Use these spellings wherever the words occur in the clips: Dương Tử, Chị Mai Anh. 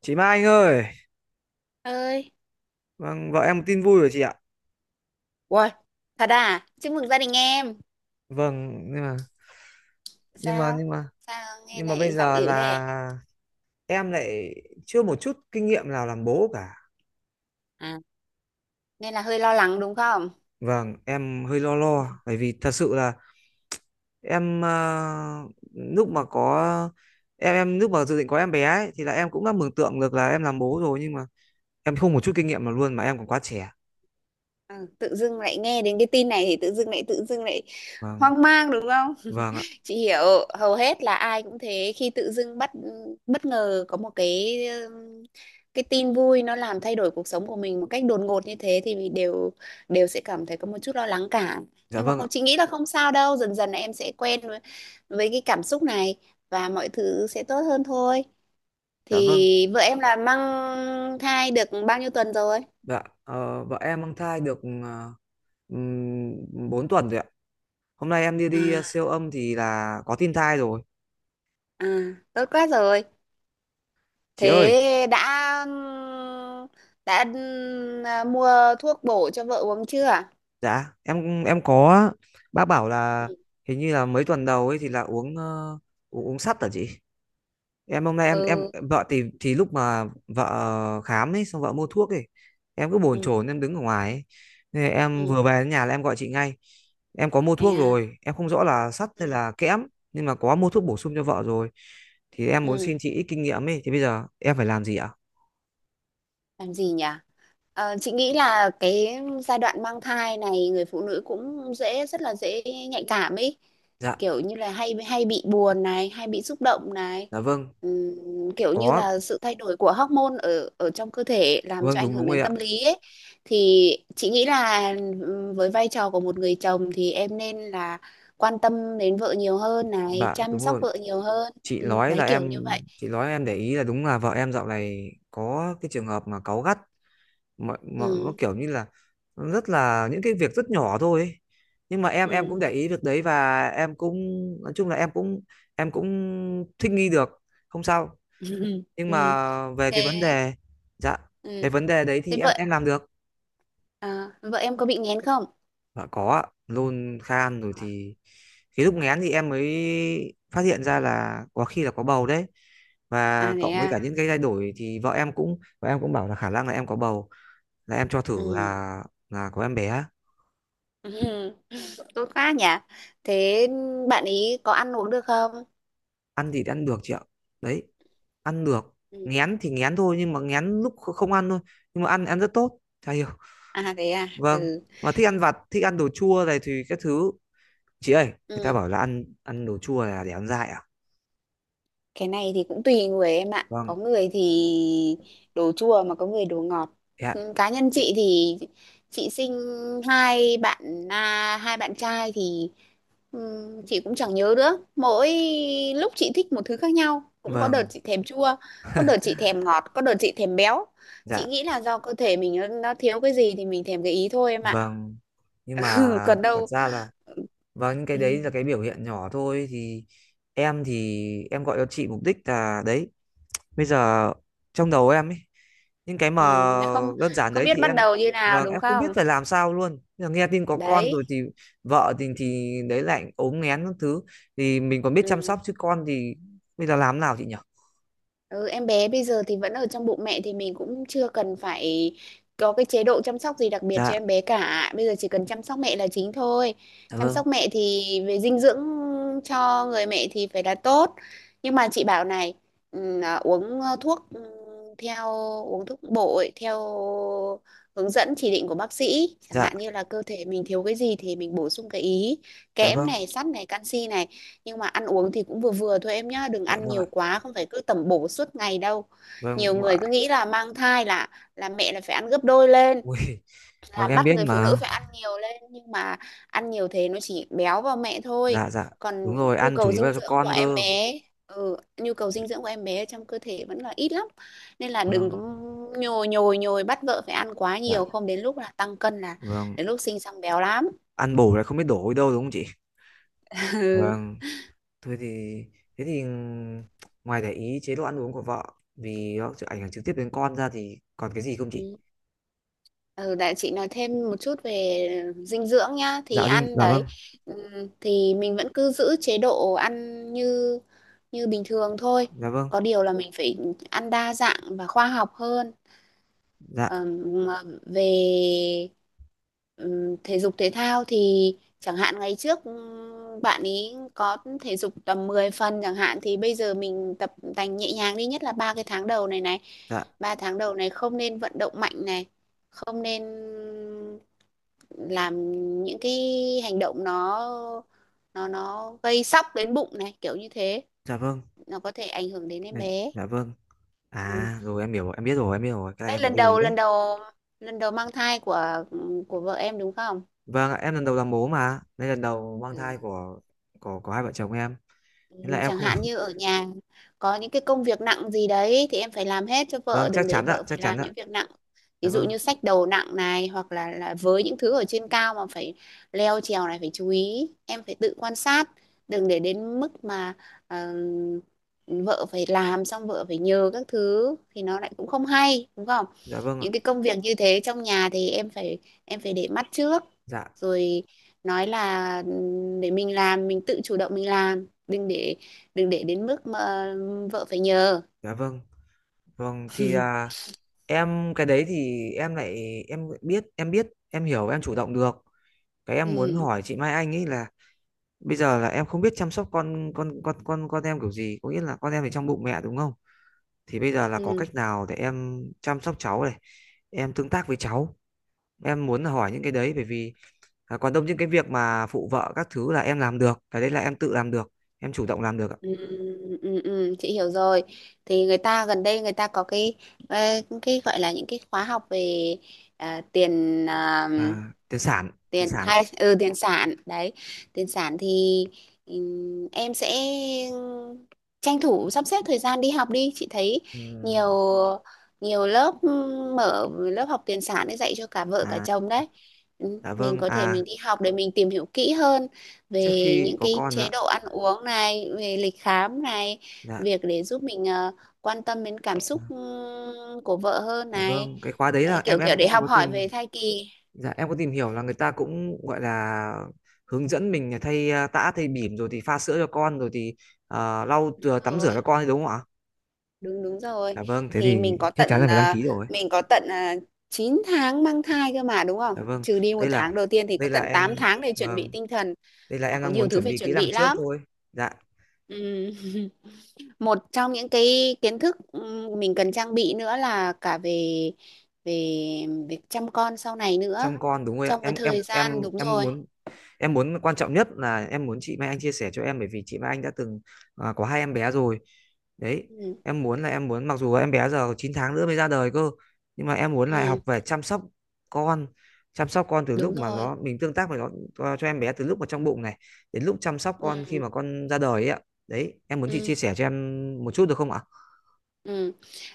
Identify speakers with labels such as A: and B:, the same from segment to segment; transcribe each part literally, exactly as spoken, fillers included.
A: Chị Mai Anh ơi,
B: Ơi.
A: vâng, vợ em có tin vui rồi chị ạ.
B: Uầy, thật à, chúc mừng gia đình em.
A: Vâng, nhưng mà nhưng mà
B: sao
A: nhưng mà
B: sao nghe
A: nhưng mà bây
B: lại giọng
A: giờ
B: ỉu thế?
A: là em lại chưa một chút kinh nghiệm nào làm bố cả.
B: À, nên là hơi lo lắng đúng không?
A: Vâng, em hơi lo lo bởi vì thật sự là em ờ, lúc mà có em em lúc mà dự định có em bé ấy thì là em cũng đã mường tượng được là em làm bố rồi, nhưng mà em không một chút kinh nghiệm nào luôn mà em còn quá trẻ.
B: Ừ, tự dưng lại nghe đến cái tin này thì tự dưng lại tự dưng lại
A: Vâng,
B: hoang mang đúng không?
A: vâng ạ.
B: Chị hiểu, hầu hết là ai cũng thế, khi tự dưng bất bất ngờ có một cái ừm, cái tin vui nó làm thay đổi cuộc sống của mình một cách đột ngột như thế, thì mình đều đều sẽ cảm thấy có một chút lo lắng cả.
A: Dạ
B: Nhưng mà
A: vâng ạ.
B: không, chị nghĩ là không sao đâu, dần dần là em sẽ quen với, với cái cảm xúc này và mọi thứ sẽ tốt hơn thôi.
A: Dạ vâng.
B: Thì vợ em là mang thai được bao nhiêu tuần rồi?
A: Dạ, ờ, vợ em mang thai được uh, bốn tuần rồi ạ. Hôm nay em đi đi ờ,
B: À.
A: siêu âm thì là có tin thai rồi.
B: À, tốt quá rồi.
A: Chị ơi,
B: Thế đã đã à, mua thuốc bổ cho vợ uống chưa?
A: dạ, em em có, bác bảo là
B: Ừ.
A: hình như là mấy tuần đầu ấy thì là uống ờ, uống, uống sắt hả chị? Em hôm nay em em
B: Ừ.
A: vợ thì thì lúc mà vợ ờ, khám ấy xong vợ mua thuốc ấy, em cứ bồn
B: Ừ.
A: chồn em đứng ở ngoài ấy. Nên em
B: Ừ.
A: vừa về đến nhà là em gọi chị ngay. Em có mua
B: Thế
A: thuốc
B: à?
A: rồi, em không rõ là sắt
B: Ừ.
A: hay là kẽm, nhưng mà có mua thuốc bổ sung cho vợ rồi. Thì em muốn xin
B: Ừ.
A: chị ít kinh nghiệm ấy, thì bây giờ em phải làm gì ạ?
B: Làm gì nhỉ? Ờ, chị nghĩ là cái giai đoạn mang thai này người phụ nữ cũng dễ, rất là dễ nhạy cảm ấy,
A: Dạ,
B: kiểu như là hay hay bị buồn này, hay bị xúc động này.
A: dạ vâng,
B: Ừm, kiểu như
A: có.
B: là sự thay đổi của hormone ở ở trong cơ thể làm
A: Vâng,
B: cho ảnh
A: đúng
B: hưởng
A: đúng rồi
B: đến
A: ạ.
B: tâm lý ấy. Thì chị nghĩ là ừm, với vai trò của một người chồng thì em nên là quan tâm đến vợ nhiều hơn này,
A: Bạn
B: chăm
A: đúng
B: sóc
A: rồi.
B: vợ nhiều hơn.
A: Chị
B: Ừm,
A: nói là
B: đấy, kiểu như
A: em,
B: vậy.
A: chị nói em để ý là đúng là vợ em dạo này có cái trường hợp mà cáu gắt, mà, mà nó
B: Ừ.
A: kiểu như là nó rất là, những cái việc rất nhỏ thôi ấy. Nhưng mà em em cũng
B: Ừ.
A: để ý việc đấy, và em cũng, nói chung là em cũng, em cũng thích nghi được, không sao. Nhưng
B: Ừ.
A: mà về cái vấn
B: Thế.
A: đề, dạ,
B: Ừ.
A: về vấn đề đấy
B: Thế
A: thì em
B: vợ
A: em làm được.
B: à, vợ em có bị nghén không?
A: Dạ có ạ, nôn khan rồi, thì cái lúc nghén thì em mới phát hiện ra là có khi là có bầu đấy.
B: À
A: Và
B: thế
A: cộng với cả
B: à.
A: những cái thay đổi thì vợ em cũng vợ em cũng bảo là khả năng là em có bầu, là em cho thử,
B: Ừ.
A: là là có em bé.
B: Ừ, tốt quá nhỉ. Thế bạn ý có ăn uống được không?
A: Ăn thì ăn được chị ạ. Đấy, ăn được.
B: Ừ.
A: Nghén thì nghén thôi, nhưng mà nghén lúc kh- không ăn thôi, nhưng mà ăn ăn rất tốt. Chả hiểu.
B: À thế à.
A: Vâng.
B: Ừ.
A: Mà thích ăn vặt, thích ăn đồ chua này thì các thứ. Chị ơi, người ta
B: Ừ.
A: bảo là ăn ăn đồ chua là để ăn dại à?
B: Cái này thì cũng tùy người em ạ.
A: Vâng.
B: Có người thì đồ chua mà có người đồ ngọt.
A: Dạ.
B: Ừ, cá nhân chị thì chị sinh hai bạn à, hai bạn trai thì ừ, chị cũng chẳng nhớ nữa, mỗi lúc chị thích một thứ khác nhau, cũng có đợt
A: Vâng.
B: chị thèm chua, có đợt chị thèm ngọt, có đợt chị thèm béo. Chị
A: Dạ.
B: nghĩ là do cơ thể mình nó, nó thiếu cái gì thì mình thèm cái ý thôi em ạ.
A: Vâng, nhưng mà
B: Ừ, còn
A: thật
B: đâu
A: ra là, vâng, những cái đấy
B: ừ,
A: là cái biểu hiện nhỏ thôi, thì em thì em gọi cho chị mục đích là đấy. Bây giờ trong đầu em ấy, những cái mà
B: ừ, nó không.
A: đơn giản
B: Không
A: đấy
B: biết
A: thì
B: bắt
A: em,
B: đầu như nào
A: vâng
B: đúng
A: em không biết
B: không?
A: phải làm sao luôn. Bây giờ nghe tin có con
B: Đấy.
A: rồi, thì vợ thì thì đấy lại ốm nghén các thứ, thì mình còn biết chăm
B: Ừ.
A: sóc, chứ con thì bây giờ làm nào chị nhỉ?
B: Ừ, em bé bây giờ thì vẫn ở trong bụng mẹ thì mình cũng chưa cần phải có cái chế độ chăm sóc gì đặc biệt
A: Dạ,
B: cho em bé cả. Bây giờ chỉ cần chăm sóc mẹ là chính thôi.
A: dạ
B: Chăm
A: vâng,
B: sóc mẹ thì về dinh dưỡng cho người mẹ thì phải là tốt. Nhưng mà chị bảo này, ừ, à, uống ờ, thuốc ừ, theo uống thuốc bổ theo hướng dẫn chỉ định của bác sĩ, chẳng
A: dạ,
B: hạn như là cơ thể mình thiếu cái gì thì mình bổ sung cái ý,
A: dạ
B: kẽm
A: vâng,
B: này, sắt này, canxi này. Nhưng mà ăn uống thì cũng vừa vừa thôi em nhá, đừng
A: dạ
B: ăn
A: vâng ạ.
B: nhiều quá, không phải cứ tẩm bổ suốt ngày đâu.
A: Vâng,
B: Nhiều
A: ạ.
B: người cứ nghĩ là mang thai là là mẹ là phải ăn gấp đôi lên,
A: Ui, vâng
B: là
A: em
B: bắt
A: biết
B: người phụ nữ
A: mà.
B: phải ăn nhiều lên. Nhưng mà ăn nhiều thế nó chỉ béo vào mẹ thôi,
A: Dạ dạ. Đúng
B: còn
A: rồi,
B: nhu
A: ăn chủ
B: cầu
A: yếu là
B: dinh
A: cho
B: dưỡng của
A: con
B: em
A: cơ.
B: bé ừ, nhu cầu
A: Chứ-
B: dinh dưỡng của em bé trong cơ thể vẫn là ít lắm. Nên là đừng
A: vâng.
B: có nhồi nhồi nhồi bắt vợ phải ăn quá
A: Dạ
B: nhiều, không đến lúc là tăng cân, là
A: vâng,
B: đến lúc sinh xong béo lắm.
A: ăn bổ là không biết đổ đi đâu đúng không chị. Vâng, thôi thì, thế thì, ngoài để ý chế độ ăn uống của vợ vì nó sẽ ảnh hưởng trực tiếp đến con ra, thì còn cái gì không chị?
B: Ừ. Ừ, để chị nói thêm một chút về dinh dưỡng nhá. Thì
A: Dạ dinh
B: ăn
A: dạ vâng.
B: đấy, ừm, thì mình vẫn cứ giữ chế độ ăn như như bình thường thôi,
A: Dạ vâng.
B: có điều là mình phải ăn đa dạng và khoa học hơn.
A: Dạ.
B: Ờm, mà về ừm, thể dục thể thao thì chẳng hạn ngày trước ừm, bạn ấy có thể dục tầm mười phần chẳng hạn, thì bây giờ mình tập tành nhẹ nhàng đi, nhất là ba cái tháng đầu này này.
A: Dạ.
B: Ba tháng đầu này không nên vận động mạnh này, không nên làm những cái hành động nó nó nó gây sóc đến bụng này, kiểu như thế.
A: Dạ vâng.
B: Nó có thể ảnh hưởng đến em
A: Dạ.
B: bé.
A: Dạ vâng. À rồi em hiểu rồi, em biết rồi, em biết rồi Cái này
B: Đấy,
A: em phải
B: lần
A: lưu ý
B: đầu lần
A: đấy.
B: đầu lần đầu mang thai của của vợ em đúng không?
A: Vâng ạ, em lần đầu làm bố mà, đây lần đầu mang thai
B: Ừ.
A: của, của của hai vợ chồng em, nên là em
B: Chẳng
A: không.
B: hạn như ở nhà có những cái công việc nặng gì đấy thì em phải làm hết cho
A: Vâng
B: vợ, đừng
A: chắc
B: để
A: chắn ạ,
B: vợ phải
A: chắc chắn
B: làm
A: ạ.
B: những việc nặng.
A: Dạ
B: Ví dụ
A: vâng.
B: như xách đầu nặng này, hoặc là là với những thứ ở trên cao mà phải leo trèo này, phải chú ý, em phải tự quan sát, đừng để đến mức mà ờ, vợ phải làm xong vợ phải nhờ các thứ thì nó lại cũng không hay đúng không?
A: Dạ vâng ạ.
B: Những cái công việc như thế trong nhà thì em phải em phải để mắt trước,
A: Dạ,
B: rồi nói là ừ, để mình làm mình tự chủ động mình làm, đừng để đừng để đến mức mà vợ phải nhờ.
A: dạ vâng, vâng thì à, em cái đấy thì em lại em biết, em biết, em hiểu, em chủ động được. Cái em muốn
B: Ừ,
A: hỏi chị Mai Anh ấy là bây giờ là em không biết chăm sóc con con con con con em kiểu gì, có nghĩa là con em thì trong bụng mẹ đúng không? Thì bây giờ là có
B: ừ,
A: cách nào để em chăm sóc cháu này, em tương tác với cháu. Em muốn là hỏi những cái đấy, bởi vì à, còn đông những cái việc mà phụ vợ các thứ là em làm được, cái đấy là em tự làm được, em chủ động làm được ạ.
B: ừ, ừ, ừ, chị hiểu rồi. Thì người ta gần đây người ta có cái ờ, cái gọi là những cái khóa học về à, tiền à,
A: Và tiền sản, tiền
B: tiền
A: sản ạ.
B: thai ừ tiền sản đấy, tiền sản thì ừm, em sẽ tranh thủ sắp xếp thời gian đi học đi, chị thấy nhiều
A: Ừm,
B: nhiều lớp, ừm, mở lớp học tiền sản để dạy cho cả vợ cả
A: à,
B: chồng đấy. Ừ,
A: dạ
B: mình
A: vâng,
B: có thể
A: à
B: mình đi học để mình tìm hiểu kỹ hơn về
A: trước khi
B: những
A: có
B: cái
A: con
B: chế
A: ạ.
B: độ ăn uống này, về lịch khám này,
A: Dạ.
B: việc để giúp mình ờ, quan tâm đến cảm xúc
A: Dạ.
B: ừm, của vợ hơn
A: Dạ
B: này.
A: vâng, cái khóa đấy
B: Đấy,
A: là em
B: kiểu kiểu
A: em
B: để
A: em
B: học
A: có tìm.
B: hỏi về thai kỳ.
A: Dạ em có tìm hiểu là người ta cũng gọi là hướng dẫn mình là thay à, tã thay bỉm, rồi thì pha sữa cho con, rồi thì à, lau chùi- tắm rửa
B: Rồi
A: cho con ấy, đúng không ạ?
B: đúng đúng rồi.
A: Dạ vâng, thế
B: Thì
A: thì
B: mình có
A: chắc chắn là
B: tận
A: phải đăng
B: à,
A: ký rồi.
B: mình có tận uh, chín tháng mang thai cơ mà đúng
A: Dạ
B: không,
A: vâng,
B: trừ đi
A: đây
B: một
A: là,
B: tháng đầu tiên thì có
A: đây là
B: tận
A: em
B: tám tháng để chuẩn bị
A: vâng
B: tinh thần.
A: đây là
B: Và
A: em
B: có
A: đang
B: nhiều
A: muốn
B: thứ
A: chuẩn
B: phải
A: bị kỹ
B: chuẩn
A: năng
B: bị
A: trước
B: lắm.
A: thôi. Dạ.
B: Ừ. Một trong những cái kiến thức ừ, mình cần trang bị nữa là cả về về việc chăm con sau này nữa
A: Chăm con đúng rồi ạ,
B: trong cái
A: em em
B: thời gian.
A: em
B: Đúng
A: em
B: rồi.
A: muốn, em muốn quan trọng nhất là em muốn chị Mai Anh chia sẻ cho em, bởi vì chị Mai Anh đã từng à, có hai em bé rồi đấy.
B: Ừ,
A: Em muốn là em muốn, mặc dù em bé giờ chín tháng nữa mới ra đời cơ, nhưng mà em muốn là học
B: ừ,
A: về chăm sóc con, chăm sóc con từ lúc
B: đúng
A: mà
B: rồi.
A: nó, mình tương tác với nó, cho, cho em bé từ lúc mà trong bụng này đến lúc chăm sóc
B: Ừ,
A: con khi mà con ra đời ấy ạ. Đấy em muốn chị
B: ừ.
A: chia sẻ cho em một chút được không ạ?
B: Ừ.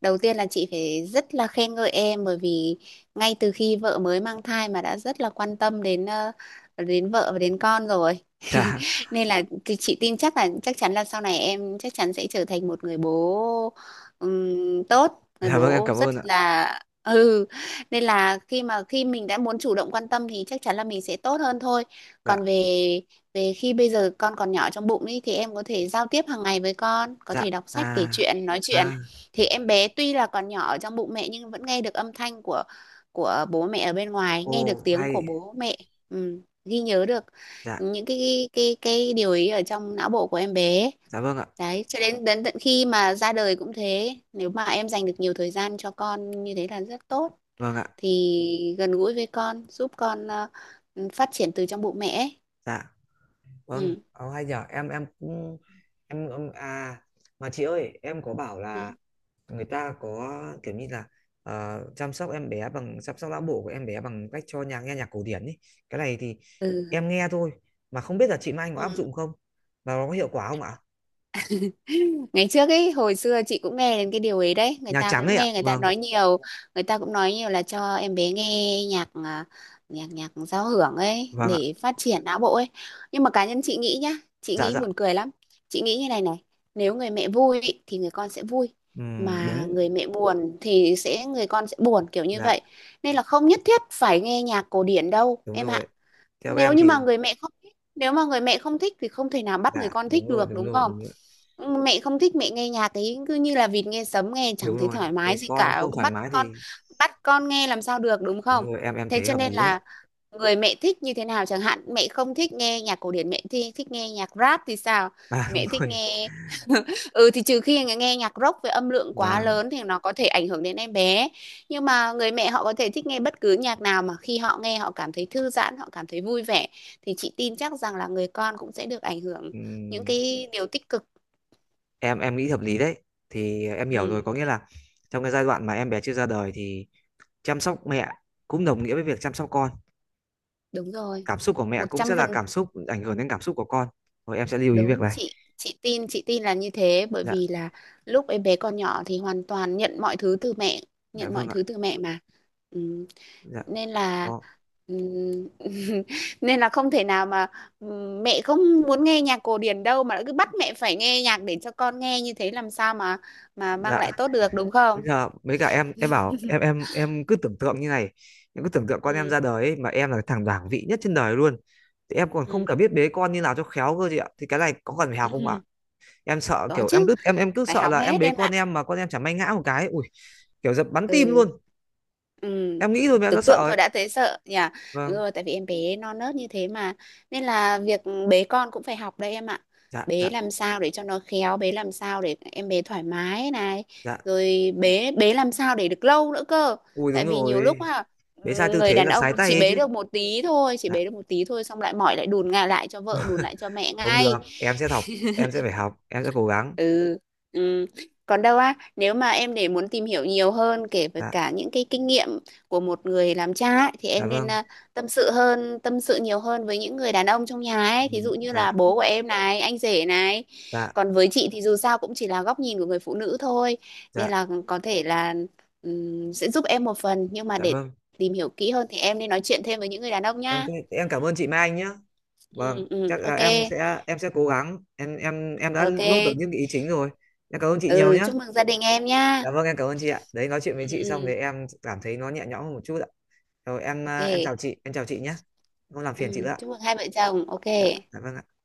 B: Đầu tiên là chị phải rất là khen ngợi em, bởi vì ngay từ khi vợ mới mang thai mà đã rất là quan tâm đến ờ, đến vợ và đến con rồi.
A: Dạ.
B: Nên là thì chị tin chắc là chắc chắn là sau này em chắc chắn sẽ trở thành một người bố ừm, tốt, người
A: Dạ vâng em
B: bố
A: cảm
B: rất
A: ơn ạ.
B: là. Ừ. Nên là khi mà khi mình đã muốn chủ động quan tâm thì chắc chắn là mình sẽ tốt hơn thôi. Còn
A: Dạ.
B: về về khi bây giờ con còn nhỏ trong bụng ý, thì em có thể giao tiếp hàng ngày với con, có
A: Dạ.
B: thể đọc sách, kể
A: À.
B: chuyện, nói chuyện.
A: À.
B: Thì em bé tuy là còn nhỏ ở trong bụng mẹ nhưng vẫn nghe được âm thanh của của bố mẹ ở bên ngoài, nghe được
A: Ô,
B: tiếng
A: hay.
B: của bố mẹ. Ừ, ghi nhớ được
A: Dạ.
B: những cái cái cái cái điều ý ở trong não bộ của em bé.
A: Dạ vâng ạ.
B: Đấy, cho đến đến tận khi mà ra đời cũng thế, nếu mà em dành được nhiều thời gian cho con như thế là rất tốt.
A: Vâng ạ.
B: Thì gần gũi với con giúp con ờ, phát triển từ trong bụng mẹ ấy.
A: Dạ vâng
B: Ừ.
A: ờ, hay nhở, em em cũng, em, em à, mà chị ơi em có bảo là người ta có kiểu như là ờ, chăm sóc em bé bằng, chăm sóc não bộ của em bé bằng cách cho nhà nghe nhạc cổ điển ấy. Cái này thì
B: Ừ.
A: em nghe thôi, mà không biết là chị Mai có áp
B: Ừ.
A: dụng không và nó có hiệu quả không ạ?
B: Ngày trước ấy, hồi xưa chị cũng nghe đến cái điều ấy đấy, người
A: Nhạc
B: ta
A: trắng
B: cũng
A: ấy ạ,
B: nghe người ta
A: vâng.
B: nói nhiều, người ta cũng nói nhiều là cho em bé nghe nhạc à, nhạc nhạc giao hưởng ấy
A: Vâng ạ.
B: để phát triển não bộ ấy. Nhưng mà cá nhân chị nghĩ nhá, chị
A: Dạ
B: nghĩ
A: dạ.
B: buồn cười lắm. Chị nghĩ như này này, nếu người mẹ vui ý, thì người con sẽ vui,
A: Ừm,
B: mà
A: đúng.
B: người mẹ buồn thì sẽ người con sẽ buồn, kiểu như
A: Dạ.
B: vậy. Nên là không nhất thiết phải nghe nhạc cổ điển đâu
A: Đúng
B: em ạ.
A: rồi, theo
B: Nếu
A: em
B: như
A: thì.
B: mà người mẹ không thích, nếu mà người mẹ không thích thì không thể nào bắt người
A: Dạ
B: con
A: đúng
B: thích
A: rồi,
B: được
A: đúng
B: đúng
A: rồi,
B: không?
A: đúng rồi.
B: Mẹ không thích, mẹ nghe nhạc ấy cứ như là vịt nghe sấm, nghe chẳng
A: Đúng
B: thấy
A: rồi,
B: thoải
A: thế
B: mái gì
A: con
B: cả,
A: không
B: cứ
A: thoải
B: bắt
A: mái
B: con
A: thì.
B: bắt con nghe làm sao được đúng
A: Đúng
B: không?
A: rồi, em em
B: Thế
A: thấy
B: cho
A: hợp
B: nên
A: lý đấy.
B: là người mẹ thích như thế nào, chẳng hạn mẹ không thích nghe nhạc cổ điển, mẹ thi thích nghe nhạc rap thì sao?
A: À đúng
B: Mẹ thích
A: rồi.
B: nghe. Ừ, thì trừ khi nghe nghe nhạc rock với âm lượng quá
A: Và.
B: lớn thì nó có thể ảnh hưởng đến em bé. Nhưng mà người mẹ họ có thể thích nghe bất cứ nhạc nào mà khi họ nghe họ cảm thấy thư giãn, họ cảm thấy vui vẻ, thì chị tin chắc rằng là người con cũng sẽ được ảnh hưởng những
A: Ừm,
B: cái điều tích cực.
A: em em nghĩ hợp lý đấy, thì em hiểu rồi,
B: Ừ,
A: có nghĩa là trong cái giai đoạn mà em bé chưa ra đời thì chăm sóc mẹ cũng đồng nghĩa với việc chăm sóc con.
B: đúng rồi.
A: Cảm xúc của mẹ
B: Một
A: cũng sẽ
B: trăm
A: là
B: phần
A: cảm xúc ảnh hưởng đến cảm xúc của con. Rồi em sẽ lưu ý việc
B: đúng.
A: này.
B: Chị chị tin chị tin là như thế, bởi
A: Dạ.
B: vì là lúc em bé còn nhỏ thì hoàn toàn nhận mọi thứ từ mẹ,
A: Dạ
B: nhận mọi
A: vâng ạ.
B: thứ từ mẹ mà. Ừ.
A: Dạ
B: Nên là
A: có.
B: ừm, nên là không thể nào mà ừm, mẹ không muốn nghe nhạc cổ điển đâu mà lại cứ bắt mẹ phải nghe nhạc để cho con nghe, như thế làm sao mà mà mang
A: Dạ.
B: lại tốt được đúng
A: Bây
B: không?
A: giờ mấy cả em em bảo em em em cứ tưởng tượng như này. Em cứ tưởng tượng con em
B: Ừ.
A: ra đời ấy, mà em là thằng bảng vị nhất trên đời luôn, thì em còn không cả
B: Ừ.
A: biết bế con như nào cho khéo cơ chị ạ. Thì cái này có cần phải học không ạ? Em sợ
B: Có
A: kiểu, em
B: chứ,
A: cứ em em cứ
B: phải
A: sợ
B: học
A: là em
B: hết
A: bế
B: em
A: con
B: ạ.
A: em mà con em chả may ngã một cái, ui, kiểu giật bắn tim
B: Ừ.
A: luôn.
B: Ừ,
A: Em nghĩ thôi mà em đã
B: tưởng
A: sợ
B: tượng
A: ấy.
B: thôi đã thấy sợ nhỉ. Đúng
A: Vâng.
B: rồi, tại vì em bé non nớt như thế mà. Nên là việc bế con cũng phải học đấy em ạ.
A: Dạ. Dạ.
B: Bế làm sao để cho nó khéo, bế làm sao để em bé thoải mái này.
A: Dạ.
B: Rồi bế bế làm sao để được lâu nữa cơ.
A: Ui
B: Tại
A: đúng
B: vì nhiều lúc
A: rồi,
B: à,
A: bế sai tư
B: người
A: thế
B: đàn
A: là
B: ông
A: sái tay
B: chỉ
A: ấy
B: bế
A: chứ.
B: được một tí thôi, chỉ
A: Dạ,
B: bế được một tí thôi xong lại mỏi lại đùn ngà lại cho vợ, đùn lại cho mẹ
A: không được
B: ngay.
A: em sẽ học, em sẽ phải học, em sẽ cố gắng.
B: Ừ. Ừ. Còn đâu á, nếu mà em để muốn tìm hiểu nhiều hơn kể về
A: Dạ.
B: cả những cái kinh nghiệm của một người làm cha ấy, thì
A: Dạ
B: em nên
A: vâng.
B: à, tâm sự hơn, tâm sự nhiều hơn với những người đàn ông trong nhà ấy,
A: Ừ,
B: thí dụ như là
A: dạ.
B: bố của em này, anh rể này.
A: Dạ.
B: Còn với chị thì dù sao cũng chỉ là góc nhìn của người phụ nữ thôi,
A: Dạ.
B: nên là có thể là ừm, sẽ giúp em một phần nhưng mà
A: Dạ
B: để
A: vâng.
B: tìm hiểu kỹ hơn thì em nên nói chuyện thêm với những người đàn ông
A: Vâng
B: nhá.
A: thế, thế em cảm ơn chị Mai Anh nhé. Vâng
B: Ừ, ừ,
A: chắc là
B: ok,
A: em sẽ, em sẽ cố gắng, em em em đã nốt được
B: ok.
A: những cái ý chính rồi. Em cảm ơn chị nhiều
B: Ừ,
A: nhé.
B: chúc mừng gia đình em nhá.
A: Dạ vâng em cảm ơn chị ạ, đấy nói chuyện với
B: Ừ,
A: chị xong thì
B: ừ,
A: em cảm thấy nó nhẹ nhõm hơn một chút ạ. Rồi em à, em
B: ok.
A: chào chị, em chào chị nhé. Không làm phiền chị nữa
B: Ừ,
A: ạ.
B: chúc mừng hai vợ chồng ok.
A: Dạ, dạ vâng ạ.